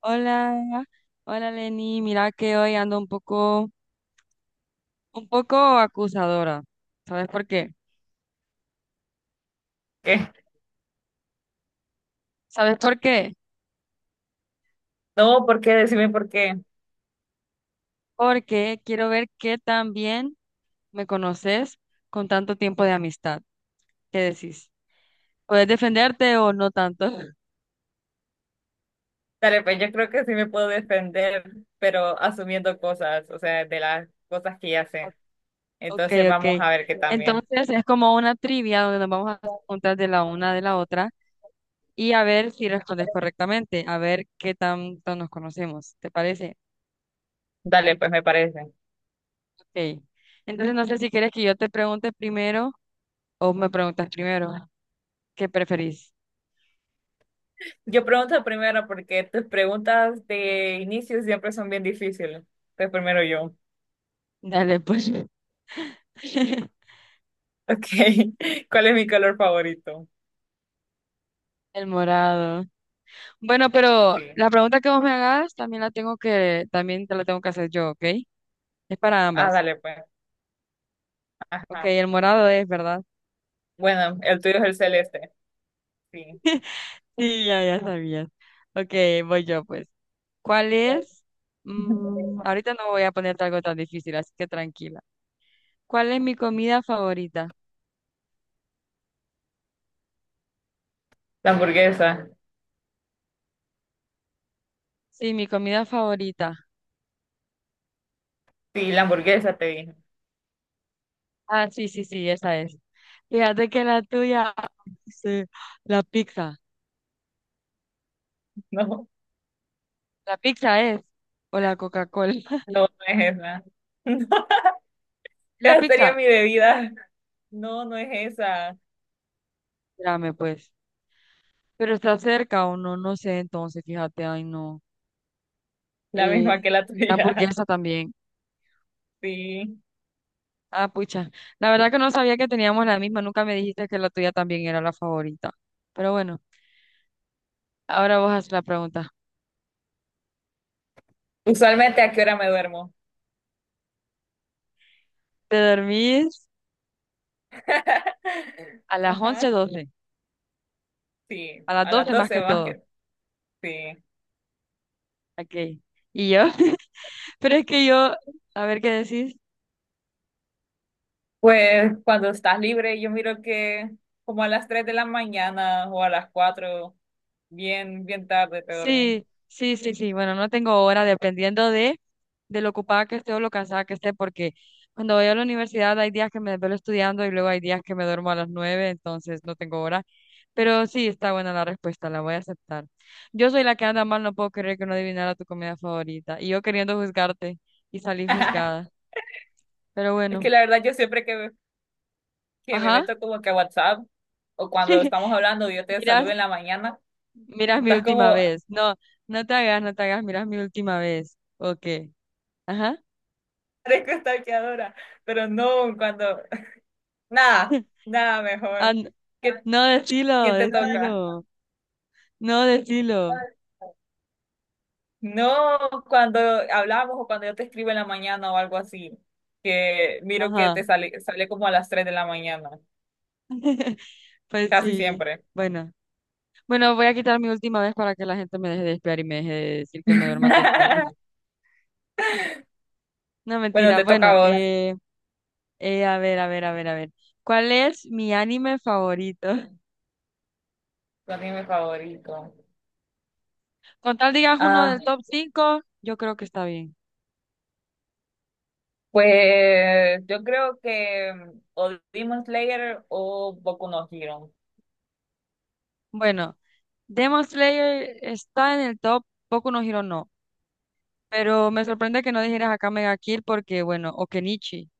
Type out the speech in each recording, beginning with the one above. Hola, hola Lenny, mira que hoy ando un poco acusadora. ¿Sabes por qué? ¿Qué? ¿Sabes por qué? No, ¿por qué? Decime por qué. Porque quiero ver qué tan bien me conoces con tanto tiempo de amistad. ¿Qué decís? ¿Puedes defenderte o no tanto? Dale, pues yo creo que sí me puedo defender, pero asumiendo cosas, o sea, de las cosas que ya sé. Ok, Entonces ok. vamos a ver qué también. Entonces es como una trivia donde nos vamos a preguntar de la una de la otra y a ver si respondes correctamente, a ver qué tanto nos conocemos. ¿Te parece? Dale, pues me parece. Ok. Entonces no sé si quieres que yo te pregunte primero o me preguntas primero. ¿Qué preferís? Yo pregunto primero porque tus preguntas de inicio siempre son bien difíciles. Entonces primero yo. Dale, pues. Ok, ¿cuál es mi color favorito? El morado. Bueno, pero Sí. la pregunta que vos me hagas también te la tengo que hacer yo, ¿ok? Es para Ah, ambas. dale, pues. Ok, Ajá. el morado es, ¿verdad? Bueno, el tuyo es el celeste. Sí. Sí, ya sabías. Ok, voy yo, pues. ¿Cuál es? Mm, ahorita no voy a ponerte algo tan difícil, así que tranquila. ¿Cuál es mi comida favorita? La hamburguesa. Sí, mi comida favorita. Sí, la hamburguesa te dije. Ah, sí, sí, sí, esa es. Fíjate que la tuya, sí, la pizza. No. La pizza es, o la Coca-Cola. No, no es esa. No, La esa sería pizza, mi bebida. No, no es esa. espérame pues. Pero está cerca o no, no sé, entonces, fíjate, ay no. La misma Eh, que la la tuya. hamburguesa también. Sí. Ah, pucha. La verdad que no sabía que teníamos la misma, nunca me dijiste que la tuya también era la favorita. Pero bueno, ahora vos haces la pregunta. Usualmente, ¿a qué hora me duermo? ¿Te dormís a las once Ajá. doce Sí, A las a las 12 más 12 que más todo. que. Sí. Ok. ¿Y yo? Pero es que yo, a ver qué decís. Pues cuando estás libre, yo miro que como a las 3 de la mañana o a las 4 bien, bien tarde te dormí. Sí, sí, sí, sí. Bueno, no tengo hora de lo ocupada que esté o lo cansada que esté, porque cuando voy a la universidad hay días que me desvelo estudiando y luego hay días que me duermo a las 9, entonces no tengo hora. Pero sí, está buena la respuesta, la voy a aceptar. Yo soy la que anda mal, no puedo creer que no adivinara tu comida favorita. Y yo queriendo juzgarte y salí juzgada. Pero Es que bueno, la verdad yo siempre que me ajá. meto como que a WhatsApp o cuando estamos hablando, yo te Mira, saludo en la mañana, Miras mi estás última como vez. No, no te hagas, no te hagas, miras mi última vez. Ok. Ajá. parezco stalkeadora, pero no, cuando, nada, nada Ah, mejor. n- ¿Qué- no, decilo, ¿Quién te toca? decilo. No, decilo. No, cuando hablamos o cuando yo te escribo en la mañana o algo así, que miro que te Ajá. sale como a las 3 de la mañana, Pues casi sí. siempre. Bueno. Bueno, voy a quitar mi última vez para que la gente me deje de espiar y me deje de decir que me duerma temprano. No, Bueno, mentira. te toca a Bueno, vos, a ver, a ver, a ver, a ver. ¿Cuál es mi anime favorito? tu anime favorito. Con tal digas uno Ah, del top 5, yo creo que está bien. pues yo creo que o Demon Slayer o Boku no Hero. Bueno. Demon Slayer está en el top, Boku no Hero no. Pero me sorprende que no dijeras acá Mega Kill porque, bueno, o Kenichi,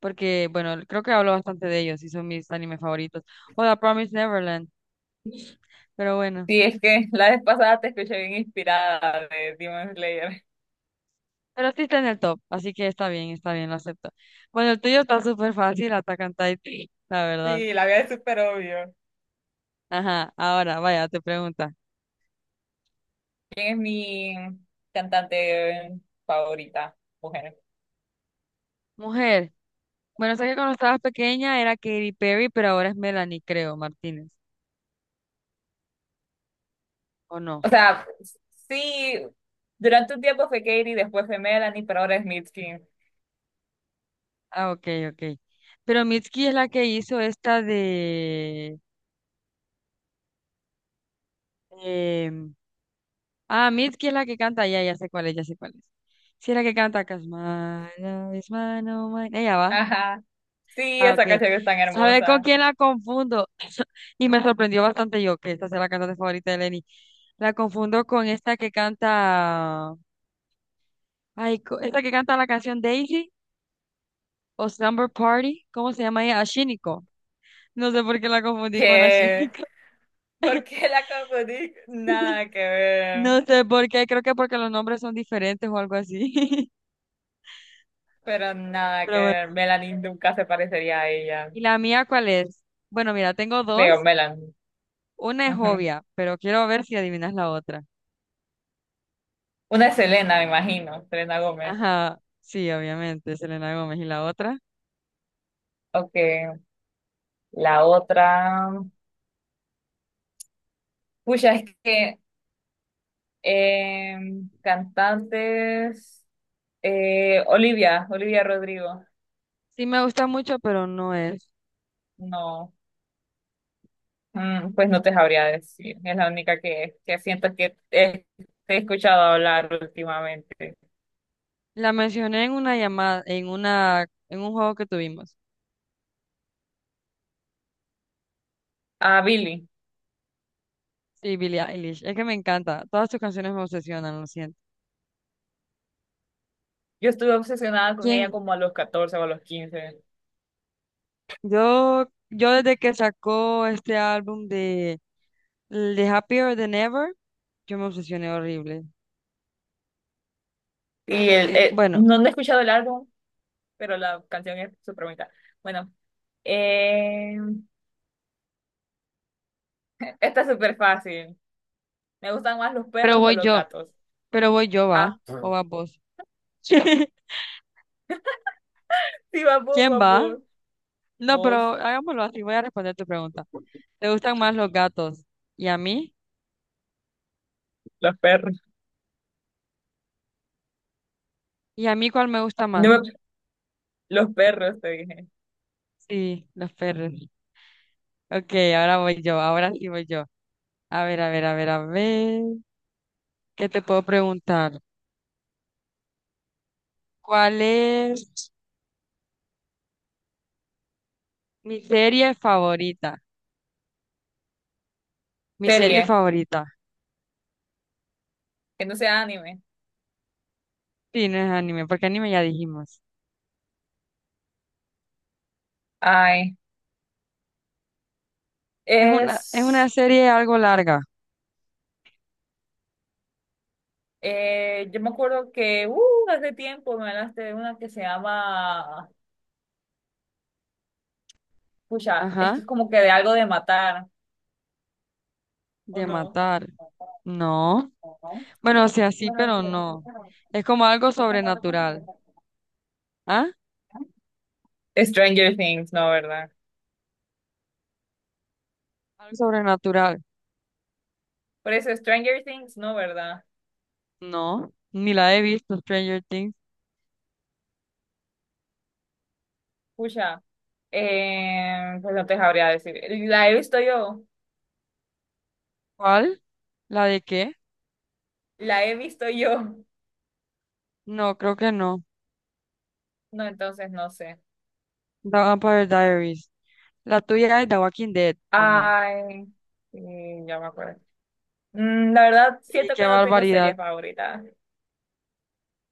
porque, bueno, creo que hablo bastante de ellos y son mis animes favoritos. O The Promised Neverland, pero bueno. Sí, es que la vez pasada te escuché bien inspirada de Demon Slayer. Pero sí está en el top, así que está bien, lo acepto. Bueno, el tuyo está súper fácil, Attack on Titan, la verdad. Sí, la vida es súper obvio. Ajá, ahora, vaya, te pregunta. ¿Quién es mi cantante favorita? Mujer. Mujer, bueno, sé que cuando estabas pequeña era Katy Perry, pero ahora es Melanie, creo, Martínez, ¿o no? O sea, sí, durante un tiempo fue Katy, después fue Melanie, pero ahora es Mitski. Ah, ok, ok. Pero Mitski es la que hizo esta de... em, Mitski es la que canta, ya sé cuál es, ya sé cuál es. Sí, es la que canta, Cause my love is mine, oh mine. Ella va. Ajá. Sí, Ah, esa ok. canción es tan ¿Sabes con hermosa. quién la confundo? Y me sorprendió bastante yo, que esta sea la cantante favorita de Lenny. La confundo con esta que canta... Ay, esta que canta la canción Daisy o Slumber Party. ¿Cómo se llama ella? Ashiniko. No sé por qué la confundí con Que, Ashiniko. ¿por qué la confundí? Nada que ver. No sé por qué, creo que porque los nombres son diferentes o algo así. Pero nada que Pero bueno. ver. Melanie nunca se parecería a ella. ¿Y la mía cuál es? Bueno, mira, tengo Digo, dos. Melanie. Una es Ujú. obvia, pero quiero ver si adivinas la otra. Una es Selena, me imagino. Selena Gómez. Ajá, sí, obviamente, Selena Gómez. ¿Y la otra? Ok. La otra. Pucha, es que Eh, cantantes. Olivia, Olivia Rodrigo. Sí me gusta mucho, pero no es. No, pues no te sabría decir. Es la única que siento que te he escuchado hablar últimamente. La mencioné en una llamada, en un juego que tuvimos. A Billy. Sí, Billie Eilish. Es que me encanta. Todas sus canciones me obsesionan, lo siento. Yo estuve obsesionada con ella ¿Quién? como a los 14 o a los 15. Yo desde que sacó este álbum de Happier Than Ever. Yo me obsesioné horrible. Es que bueno, No, no he escuchado el álbum, pero la canción es súper bonita. Bueno, eh, esta es súper fácil. ¿Me gustan más los pero perros o voy los yo, gatos? pero voy yo, va, Ah, o vas vos. sí, vamos, ¿Quién va? vamos. No, Vos. pero hagámoslo así, voy a responder tu pregunta. ¿Te gustan más los gatos? ¿Y a mí? Los perros. ¿Y a mí cuál me gusta No más? me- Los perros, te dije. Sí, los perros. Ok, ahora sí voy yo. A ver, a ver, a ver, a ver. ¿Qué te puedo preguntar? ¿Cuál es mi serie favorita? Mi serie Serie, favorita. que no sea anime. Sí, no es anime, porque anime ya dijimos. Ay, Es una es... serie algo larga. Yo me acuerdo que hace tiempo me hablaste de una que se llama... Pucha, es que es Ajá. como que de algo de matar, ¿o De no? matar. No. Ajá. Bueno, o sea, sí, pero no. Es como algo sobrenatural. ¿Ah? Stranger Things, no, ¿verdad? Algo sobrenatural. Por eso Stranger Things, no, ¿verdad? No. Ni la he visto, Stranger Things. Pucha, pues no te sabría decir. La he visto yo, ¿Cuál? ¿La de qué? la he visto yo. No, creo que no. No, entonces no sé. The Vampire Diaries. La tuya es The Walking Dead, ¿o no? Ay, sí, ya me acuerdo. Mm, la verdad, Y siento qué que no tengo barbaridad. series favoritas.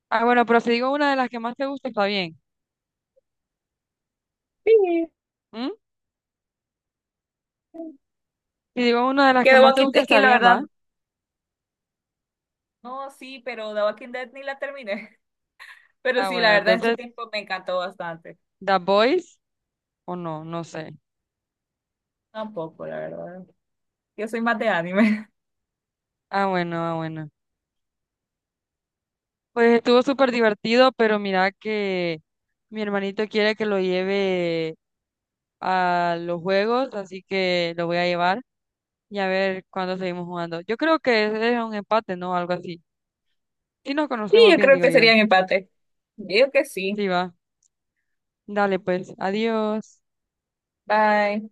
Ah, bueno, pero si digo una de las que más te gusta, está bien. Sí. ¿Mm? Si digo una de las Que que The más te Walking gusta, es que está la bien, ¿va? verdad, no, sí, pero The Walking Dead ni la terminé. Pero Ah, sí, la bueno, verdad, en su entonces, tiempo me encantó bastante. The Boys, ¿o no? No sé. Tampoco, la verdad. Yo soy más de anime. Ah, bueno, ah, bueno. Pues estuvo súper divertido, pero mira que mi hermanito quiere que lo lleve a los juegos, así que lo voy a llevar y a ver cuándo seguimos jugando. Yo creo que es un empate, ¿no? Algo así. Si nos Sí, conocemos yo bien, creo digo que yo. sería mi empate. Digo que sí. Sí, va. Dale, pues. Adiós. Bye.